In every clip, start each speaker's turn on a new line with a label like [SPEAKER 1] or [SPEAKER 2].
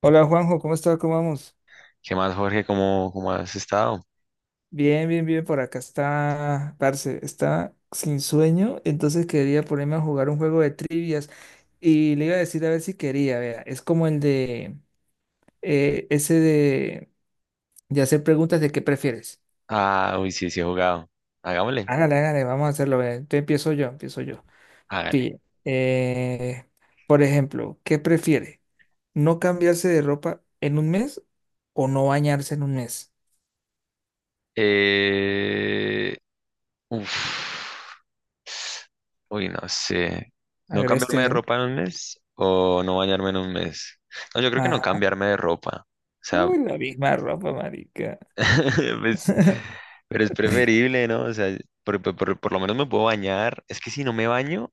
[SPEAKER 1] Hola Juanjo, ¿cómo está? ¿Cómo vamos?
[SPEAKER 2] ¿Qué más, Jorge? ¿Cómo has estado?
[SPEAKER 1] Bien, bien, bien, por acá está, parce, está sin sueño, entonces quería ponerme a jugar un juego de trivias y le iba a decir a ver si quería, vea, es como el de, ese de hacer preguntas de qué prefieres.
[SPEAKER 2] Ah, uy, sí, sí he jugado. Hagámosle,
[SPEAKER 1] Hágale, hágale, vamos a hacerlo, vea, entonces empiezo yo, empiezo yo.
[SPEAKER 2] hágale.
[SPEAKER 1] Pille, eh, por ejemplo, ¿qué prefiere? ¿No cambiarse de ropa en un mes o no bañarse en un mes?
[SPEAKER 2] Eh, uf. Uy, no sé. ¿No cambiarme de
[SPEAKER 1] Agreste,
[SPEAKER 2] ropa en un mes o no bañarme en un mes? No, yo creo que no
[SPEAKER 1] ¿no?
[SPEAKER 2] cambiarme de ropa. O sea,
[SPEAKER 1] Uy, la misma ropa, marica.
[SPEAKER 2] pues, pero es preferible, ¿no? O sea, por lo menos me puedo bañar. Es que si no me baño,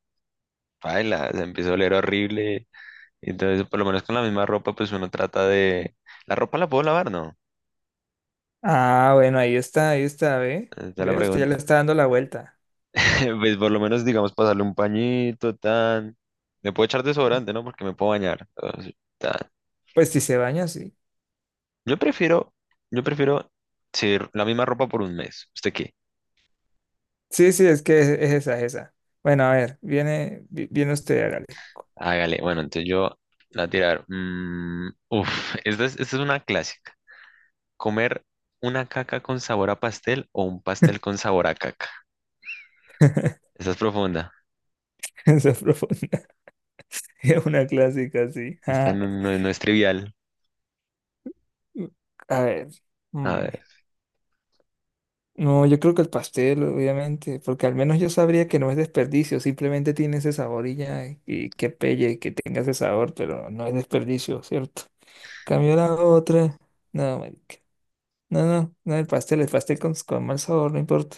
[SPEAKER 2] paila, se empieza a oler horrible. Entonces, por lo menos con la misma ropa, pues uno trata de. La ropa la puedo lavar, ¿no?
[SPEAKER 1] Ah, bueno, ahí está, ve.
[SPEAKER 2] Esa es la
[SPEAKER 1] Ve, usted ya le
[SPEAKER 2] pregunta.
[SPEAKER 1] está dando la vuelta.
[SPEAKER 2] Pues por lo menos, digamos, pasarle un pañito, tan. Me puedo echar desodorante, ¿no? Porque me puedo bañar. Entonces, tan.
[SPEAKER 1] Pues si se baña, sí.
[SPEAKER 2] Yo prefiero, yo prefiero sí, la misma ropa por un mes. ¿Usted qué?
[SPEAKER 1] Sí, sí, es que es esa, es esa. Bueno, a ver, viene usted, hágale.
[SPEAKER 2] Hágale. Bueno, entonces yo la voy a tirar. Uf, esta es una clásica. ¿Comer una caca con sabor a pastel o un pastel con sabor a caca? Esta es profunda.
[SPEAKER 1] Esa es profunda. Es una clásica, así.
[SPEAKER 2] Esta no es trivial.
[SPEAKER 1] A ver.
[SPEAKER 2] A
[SPEAKER 1] mm,
[SPEAKER 2] ver,
[SPEAKER 1] No, yo creo que el pastel, obviamente, porque al menos yo sabría que no es desperdicio, simplemente tiene ese sabor y ya, y que pelle, que tenga ese sabor, pero no es desperdicio, ¿cierto? Cambió la otra. No, marica. No, no, no el pastel, el pastel con mal sabor, no importa.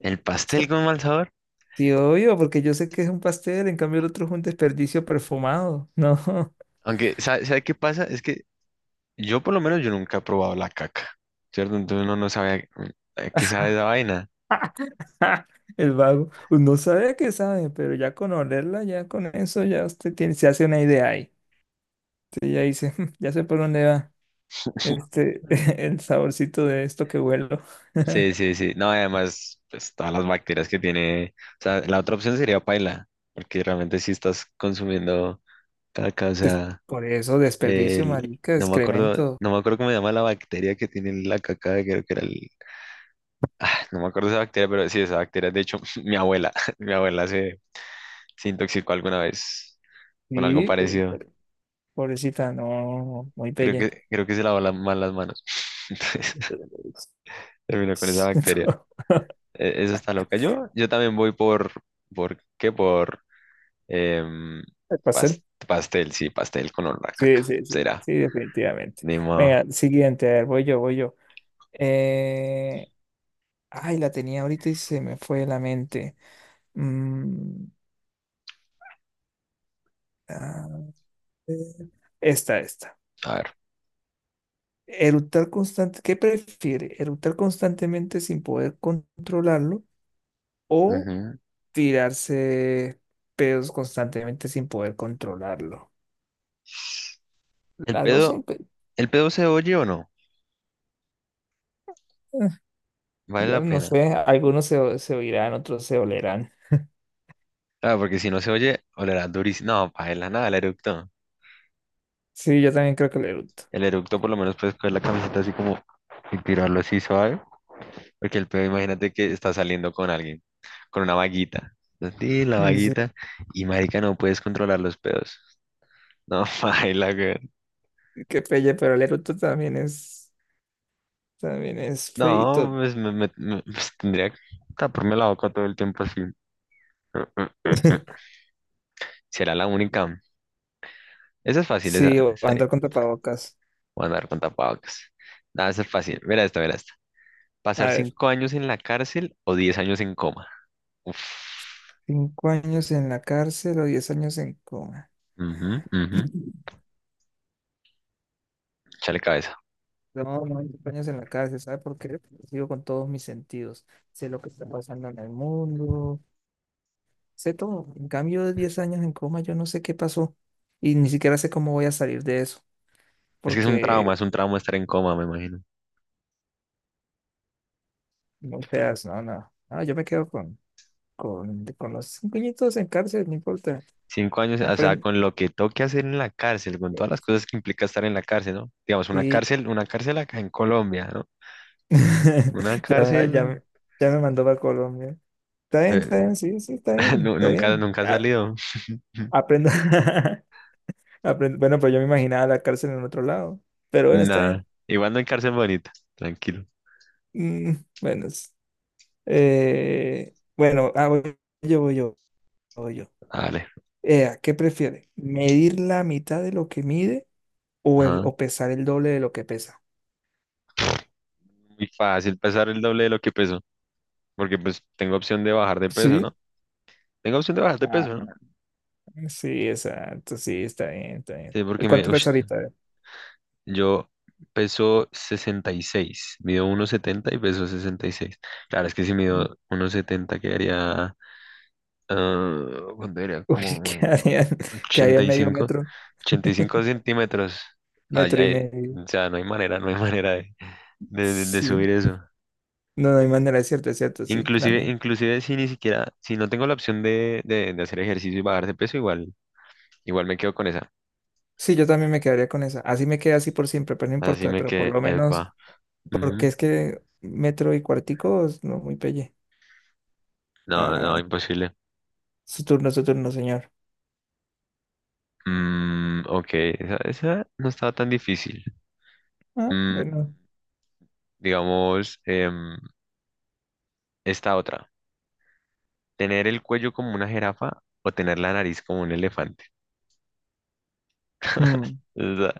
[SPEAKER 2] ¿el pastel
[SPEAKER 1] Esto-
[SPEAKER 2] con mal sabor?
[SPEAKER 1] Sí, obvio, porque yo sé que es un pastel, en cambio el otro es un desperdicio perfumado. No,
[SPEAKER 2] Aunque, ¿sabe qué pasa? Es que yo por lo menos yo nunca he probado la caca, ¿cierto? Entonces uno no sabe a qué sabe esa vaina.
[SPEAKER 1] el vago. Pues, no sabe a qué sabe, pero ya con olerla, ya con eso, ya usted tiene, se hace una idea ahí. Usted ya dice, "Mm, ya sé por dónde va este,
[SPEAKER 2] Eh,
[SPEAKER 1] el saborcito de esto que huelo."
[SPEAKER 2] Sí, sí, sí. No, además, pues todas las bacterias que tiene. O sea, la otra opción sería paila, porque realmente si estás consumiendo caca, o
[SPEAKER 1] Des-
[SPEAKER 2] sea,
[SPEAKER 1] Por eso, desperdicio,
[SPEAKER 2] el.
[SPEAKER 1] marica,
[SPEAKER 2] no me acuerdo,
[SPEAKER 1] excremento.
[SPEAKER 2] no me acuerdo cómo se llama la bacteria que tiene la caca, creo que era el. No me acuerdo esa bacteria, pero sí, esa bacteria, de hecho, mi abuela, mi abuela se intoxicó alguna vez con algo
[SPEAKER 1] Sí, uy,
[SPEAKER 2] parecido.
[SPEAKER 1] pobrecita, no, muy
[SPEAKER 2] Creo
[SPEAKER 1] pelle.
[SPEAKER 2] que, creo que se lavó mal las manos. Entonces, terminó con esa bacteria. Eso está loca. Yo también voy ¿por qué? Por em,
[SPEAKER 1] El
[SPEAKER 2] pas-
[SPEAKER 1] pastel.
[SPEAKER 2] pastel, sí, pastel con olor a
[SPEAKER 1] Sí,
[SPEAKER 2] caca.
[SPEAKER 1] sí, sí,
[SPEAKER 2] Será,
[SPEAKER 1] sí, definitivamente.
[SPEAKER 2] ni modo.
[SPEAKER 1] Venga, siguiente, a ver, voy yo, voy yo. Eh, ay, la tenía ahorita y se me fue de la mente. Mm, a ver, esta, esta.
[SPEAKER 2] A ver.
[SPEAKER 1] Eructar constante, ¿qué prefiere? ¿Eructar constantemente sin poder controlarlo o
[SPEAKER 2] Ujú.
[SPEAKER 1] tirarse pedos constantemente sin poder controlarlo?
[SPEAKER 2] ¿El
[SPEAKER 1] Las dos son,
[SPEAKER 2] pedo, el pedo se oye o no?
[SPEAKER 1] eh,
[SPEAKER 2] ¿Vale
[SPEAKER 1] ya
[SPEAKER 2] la
[SPEAKER 1] no
[SPEAKER 2] pena?
[SPEAKER 1] sé, algunos se, se oirán, otros se olerán.
[SPEAKER 2] Claro, porque si no se oye, olerá durísimo. No, paela, nada, el eructo.
[SPEAKER 1] Sí, yo también creo que el eructo.
[SPEAKER 2] El eructo por lo menos puedes coger la camiseta así como y tirarlo así suave. Porque el pedo, imagínate que está saliendo con alguien, con una vaguita. Sí, la
[SPEAKER 1] Sí,
[SPEAKER 2] vaguita. Y marica, no puedes controlar los pedos. No, baila, que.
[SPEAKER 1] qué pelle, pero el eructo también es feíto.
[SPEAKER 2] No, pues pues, tendría que taparme la boca todo el tiempo así. Será la única. Esa es fácil, esa,
[SPEAKER 1] Sí, o
[SPEAKER 2] esa ahí.
[SPEAKER 1] andar con tapabocas.
[SPEAKER 2] Voy a andar con tapabocas. Nada, esa es fácil. Mira esta, mira esta.
[SPEAKER 1] A
[SPEAKER 2] ¿Pasar
[SPEAKER 1] ver,
[SPEAKER 2] 5 años en la cárcel o 10 años en coma? Uf.
[SPEAKER 1] 5 años en la cárcel o 10 años en coma.
[SPEAKER 2] Ujú, ujú. Échale cabeza.
[SPEAKER 1] No, no, 5 años en la cárcel, ¿sabe por qué? Porque sigo con todos mis sentidos. Sé lo que está pasando en el mundo, sé todo. En cambio, de 10 años en coma, yo no sé qué pasó y ni siquiera sé cómo voy a salir de eso,
[SPEAKER 2] Es que es un
[SPEAKER 1] porque
[SPEAKER 2] trauma, es un trauma estar en coma, me imagino.
[SPEAKER 1] no seas, no, no, no, yo me quedo con los 5 añitos en cárcel, no importa.
[SPEAKER 2] 5 años, o sea,
[SPEAKER 1] Apren-
[SPEAKER 2] con lo que toque hacer en la cárcel, con todas las cosas que implica estar en la cárcel, ¿no? Digamos, una
[SPEAKER 1] Sí.
[SPEAKER 2] cárcel, una cárcel acá en Colombia, ¿no? Una
[SPEAKER 1] Ya,
[SPEAKER 2] cárcel.
[SPEAKER 1] ya me mandó para Colombia.
[SPEAKER 2] Eh,
[SPEAKER 1] Está bien, sí, sí, está bien,
[SPEAKER 2] nu-
[SPEAKER 1] está
[SPEAKER 2] nunca,
[SPEAKER 1] bien.
[SPEAKER 2] nunca ha
[SPEAKER 1] A
[SPEAKER 2] salido.
[SPEAKER 1] aprendo. Aprendo. Bueno, pues yo me imaginaba la cárcel en otro lado. Pero bueno, está
[SPEAKER 2] Nada.
[SPEAKER 1] bien.
[SPEAKER 2] Igual no en cárcel bonita. Tranquilo.
[SPEAKER 1] Mm, bueno, bueno, ah, voy yo, voy yo, voy yo.
[SPEAKER 2] Vale.
[SPEAKER 1] ¿Qué prefiere? ¿Medir la mitad de lo que mide o,
[SPEAKER 2] Ajá.
[SPEAKER 1] o pesar el doble de lo que pesa?
[SPEAKER 2] Muy fácil pesar el doble de lo que peso. Porque pues tengo opción de bajar de peso,
[SPEAKER 1] Sí.
[SPEAKER 2] ¿no? Tengo opción de bajar de
[SPEAKER 1] Ah,
[SPEAKER 2] peso, ¿no?
[SPEAKER 1] sí, exacto, sí, está bien, está bien.
[SPEAKER 2] Sí, porque
[SPEAKER 1] ¿Cuánto
[SPEAKER 2] ush,
[SPEAKER 1] pesa ahorita?
[SPEAKER 2] yo peso 66. Mido 1,70 y peso 66. Claro, es que si mido 1,70 quedaría. Ah, ¿cuánto era?
[SPEAKER 1] Uy,
[SPEAKER 2] Como
[SPEAKER 1] que había en medio
[SPEAKER 2] 85.
[SPEAKER 1] metro,
[SPEAKER 2] 85 centímetros. Ay,
[SPEAKER 1] metro y
[SPEAKER 2] ay,
[SPEAKER 1] medio.
[SPEAKER 2] o sea, no hay manera, no hay manera de
[SPEAKER 1] Sí,
[SPEAKER 2] subir eso.
[SPEAKER 1] no, no hay manera, es cierto, sí, nada
[SPEAKER 2] Inclusive,
[SPEAKER 1] más.
[SPEAKER 2] inclusive si ni siquiera, si no tengo la opción de hacer ejercicio y bajar de peso, igual me quedo con esa.
[SPEAKER 1] Sí, yo también me quedaría con esa. Así me queda así por siempre, pero no
[SPEAKER 2] Así
[SPEAKER 1] importa,
[SPEAKER 2] me
[SPEAKER 1] pero por
[SPEAKER 2] quedé,
[SPEAKER 1] lo menos,
[SPEAKER 2] epa.
[SPEAKER 1] porque
[SPEAKER 2] Ujú.
[SPEAKER 1] es que metro y cuartico, no, muy pelle.
[SPEAKER 2] No, no,
[SPEAKER 1] Ah,
[SPEAKER 2] imposible.
[SPEAKER 1] su turno, señor.
[SPEAKER 2] Ok, esa no estaba tan difícil.
[SPEAKER 1] Ah,
[SPEAKER 2] Mm,
[SPEAKER 1] bueno.
[SPEAKER 2] digamos, esta otra. ¿Tener el cuello como una jirafa o tener la nariz como un elefante?
[SPEAKER 1] Mm,
[SPEAKER 2] Está,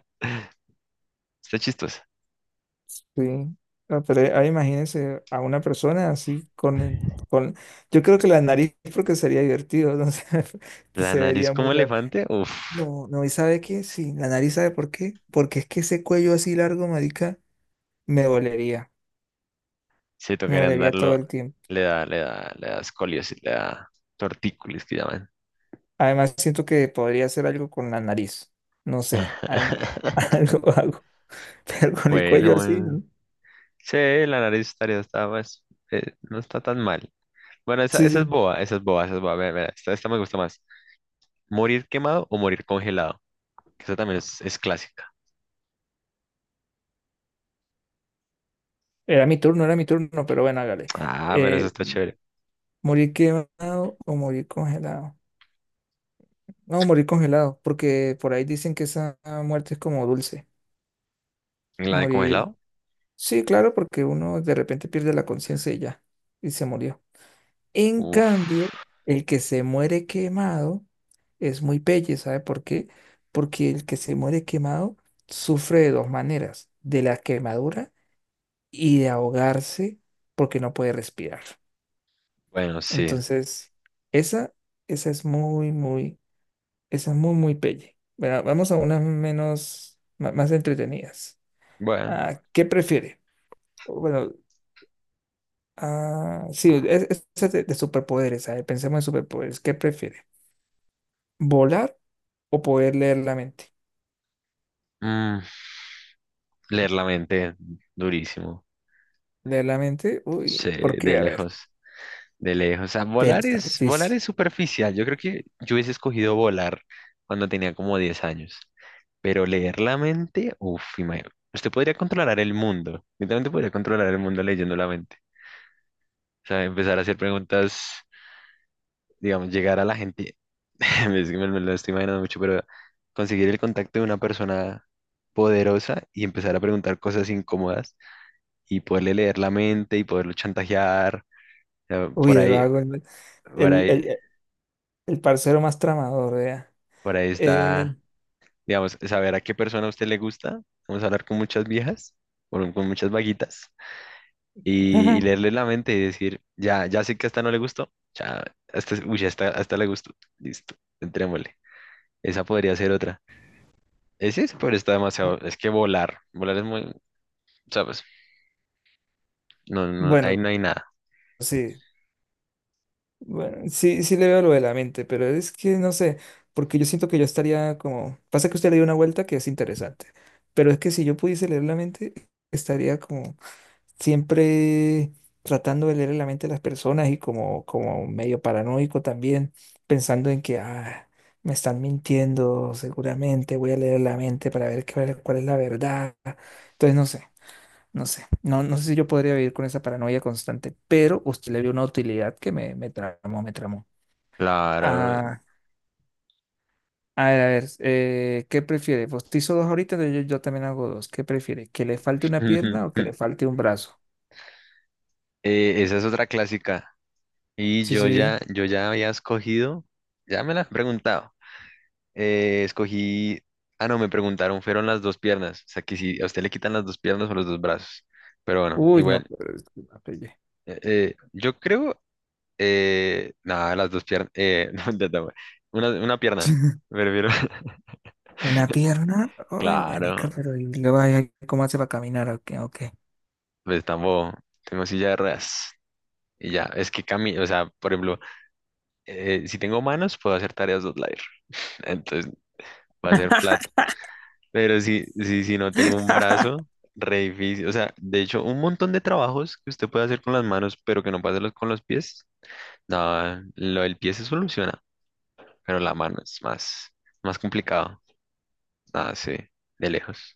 [SPEAKER 2] está chistosa.
[SPEAKER 1] sí. Ah, pero ahí imagínense a una persona así con, con, yo creo que la nariz porque sería divertido, no sé,
[SPEAKER 2] ¿La
[SPEAKER 1] se
[SPEAKER 2] nariz
[SPEAKER 1] vería
[SPEAKER 2] como
[SPEAKER 1] muy raro.
[SPEAKER 2] elefante? Uf.
[SPEAKER 1] No, no, y sabe qué, sí, la nariz sabe por qué, porque es que ese cuello así largo, marica, me dolería,
[SPEAKER 2] Si
[SPEAKER 1] me
[SPEAKER 2] tocarían
[SPEAKER 1] dolería todo
[SPEAKER 2] andarlo
[SPEAKER 1] el tiempo.
[SPEAKER 2] le da escoliosis, le da tortícolis que llaman.
[SPEAKER 1] Además, siento que podría hacer algo con la nariz, no sé, algo, algo hago, pero con el cuello
[SPEAKER 2] Bueno,
[SPEAKER 1] así,
[SPEAKER 2] bueno.
[SPEAKER 1] ¿no?
[SPEAKER 2] Sí, la nariz está más, no está tan mal. Bueno,
[SPEAKER 1] Sí,
[SPEAKER 2] esa es
[SPEAKER 1] sí,
[SPEAKER 2] boba, esa es boba, esa es boba. Mira, mira, esta me gusta más. ¿Morir quemado o morir congelado? Que esa también es clásica.
[SPEAKER 1] era mi turno, pero bueno, hágale.
[SPEAKER 2] Ah, pero esa
[SPEAKER 1] Eh,
[SPEAKER 2] está chévere.
[SPEAKER 1] ¿Morir quemado o morir congelado? No, morir congelado, porque por ahí dicen que esa muerte es como dulce,
[SPEAKER 2] ¿Y la de
[SPEAKER 1] morir,
[SPEAKER 2] congelado?
[SPEAKER 1] sí, claro, porque uno de repente pierde la conciencia y ya, y se murió. En
[SPEAKER 2] Uf.
[SPEAKER 1] cambio, el que se muere quemado es muy pelle, ¿sabe por qué? Porque el que se muere quemado sufre de dos maneras, de la quemadura y de ahogarse porque no puede respirar.
[SPEAKER 2] Bueno, sí.
[SPEAKER 1] Entonces, esa, esa es muy, muy, esa es muy, muy pelle. Bueno, vamos a unas menos, más entretenidas.
[SPEAKER 2] Bueno.
[SPEAKER 1] Ah, ¿qué prefiere? Bueno, ah, sí, es de superpoderes, ¿sabe? Pensemos en superpoderes. ¿Qué prefiere? ¿Volar? O poder leer la mente.
[SPEAKER 2] mm, Leer la mente, durísimo.
[SPEAKER 1] Leer la mente,
[SPEAKER 2] Sí,
[SPEAKER 1] uy, ¿por
[SPEAKER 2] de
[SPEAKER 1] qué? A ver,
[SPEAKER 2] lejos. De lejos, o sea,
[SPEAKER 1] te
[SPEAKER 2] volar es, volar
[SPEAKER 1] dice.
[SPEAKER 2] es superficial. Yo creo que yo hubiese escogido volar cuando tenía como 10 años. Pero leer la mente, uff, imagínate. Usted podría controlar el mundo. Literalmente podría controlar el mundo leyendo la mente. O sea, empezar a hacer preguntas, digamos, llegar a la gente. Es que me lo estoy imaginando mucho, pero conseguir el contacto de una persona poderosa y empezar a preguntar cosas incómodas y poderle leer la mente y poderlo chantajear. O sea,
[SPEAKER 1] Uy, el vago,
[SPEAKER 2] Por
[SPEAKER 1] el,
[SPEAKER 2] ahí,
[SPEAKER 1] el- el parcero más tramador, vea.
[SPEAKER 2] por ahí
[SPEAKER 1] Eh,
[SPEAKER 2] está. Digamos, saber a qué persona a usted le gusta. Vamos a hablar con muchas viejas, con muchas vaguitas, y leerle la mente y decir, ya sé que a esta no le gustó, ya, hasta le gustó, listo, entrémosle. Esa podría ser otra. Ese es sí, pero está demasiado, es que volar es muy, ¿sabes? No, no, ahí
[SPEAKER 1] bueno,
[SPEAKER 2] no hay nada.
[SPEAKER 1] sí, bueno, sí, sí le veo lo de la mente, pero es que no sé, porque yo siento que yo estaría como, pasa que usted le dio una vuelta que es interesante, pero es que si yo pudiese leer la mente, estaría como siempre tratando de leer la mente de las personas y como, como medio paranoico también, pensando en que ah, me están mintiendo, seguramente voy a leer la mente para ver qué vale, cuál es la verdad. Entonces, no sé, no sé, no, no sé si yo podría vivir con esa paranoia constante, pero usted le vio una utilidad que me tramó, me tramó.
[SPEAKER 2] Claro.
[SPEAKER 1] Ah, a ver, ¿qué prefiere? Pues te hizo dos ahorita, entonces yo también hago dos. ¿Qué prefiere? ¿Que le falte una pierna o que le falte un brazo?
[SPEAKER 2] Esa es otra clásica. Y
[SPEAKER 1] Sí,
[SPEAKER 2] yo
[SPEAKER 1] sí.
[SPEAKER 2] ya, yo ya había escogido, ya me la han preguntado. Escogí, ah, no, me preguntaron, fueron las dos piernas, o sea, que si a usted le quitan las dos piernas o los dos brazos, pero bueno,
[SPEAKER 1] Uy, no,
[SPEAKER 2] igual,
[SPEAKER 1] pero es que una pelle.
[SPEAKER 2] yo creo, nada, las dos piernas, no, ya está, bueno. Una pierna, me refiero,
[SPEAKER 1] ¿Una pierna? Uy, marica,
[SPEAKER 2] claro,
[SPEAKER 1] pero y luego ahí, ¿cómo hace para caminar? Ok, ok.
[SPEAKER 2] pues tampoco, tengo silla de ruedas, y ya, es que camino, o sea, por ejemplo, si tengo manos, puedo hacer tareas dos layer, entonces, va a ser. Pero si no tengo un brazo, re difícil. O sea, de hecho, un montón de trabajos que usted puede hacer con las manos, pero que no puede hacerlos con los pies. No, lo del pie se soluciona, pero la mano es más, más complicado. Ah, sí, de lejos.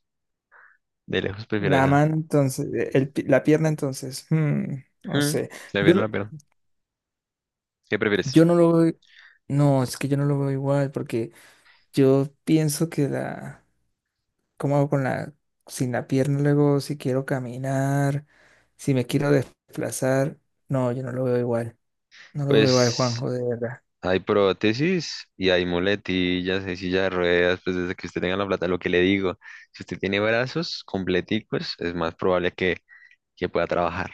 [SPEAKER 2] De lejos prefiero
[SPEAKER 1] La
[SPEAKER 2] esa.
[SPEAKER 1] mano, entonces, la pierna, entonces, mm, no
[SPEAKER 2] Mm,
[SPEAKER 1] sé. Yo,
[SPEAKER 2] Prefiero
[SPEAKER 1] no-
[SPEAKER 2] la pierna. ¿Qué
[SPEAKER 1] yo
[SPEAKER 2] prefieres?
[SPEAKER 1] no lo veo. No, es que yo no lo veo igual, porque yo pienso que la. ¿Cómo hago con la. Sin la pierna, luego, si quiero caminar, si me quiero desplazar. No, yo no lo veo igual. No lo veo igual,
[SPEAKER 2] Pues
[SPEAKER 1] Juanjo, de verdad.
[SPEAKER 2] hay prótesis y hay muletillas, hay silla de ruedas, pues desde que usted tenga la plata, lo que le digo, si usted tiene brazos completicos, es más probable que, pueda trabajar.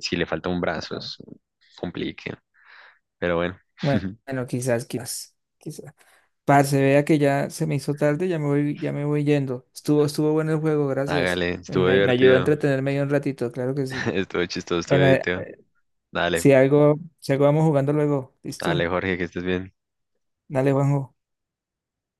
[SPEAKER 2] Si le falta un brazo, es un complique. Pero bueno,
[SPEAKER 1] Bueno, bueno, quizás, quizás, quizás. Parce, vea que ya se me hizo tarde, ya me voy yendo. Estuvo, estuvo bueno el juego, gracias.
[SPEAKER 2] hágale, estuvo
[SPEAKER 1] Me ayudó a
[SPEAKER 2] divertido,
[SPEAKER 1] entretenerme ahí un ratito, claro que sí.
[SPEAKER 2] estuvo chistoso, estuvo
[SPEAKER 1] Bueno,
[SPEAKER 2] divertido. Dale,
[SPEAKER 1] si algo, si algo vamos jugando luego,
[SPEAKER 2] dale,
[SPEAKER 1] ¿listo?
[SPEAKER 2] Jorge, que estés bien.
[SPEAKER 1] Dale, Juanjo.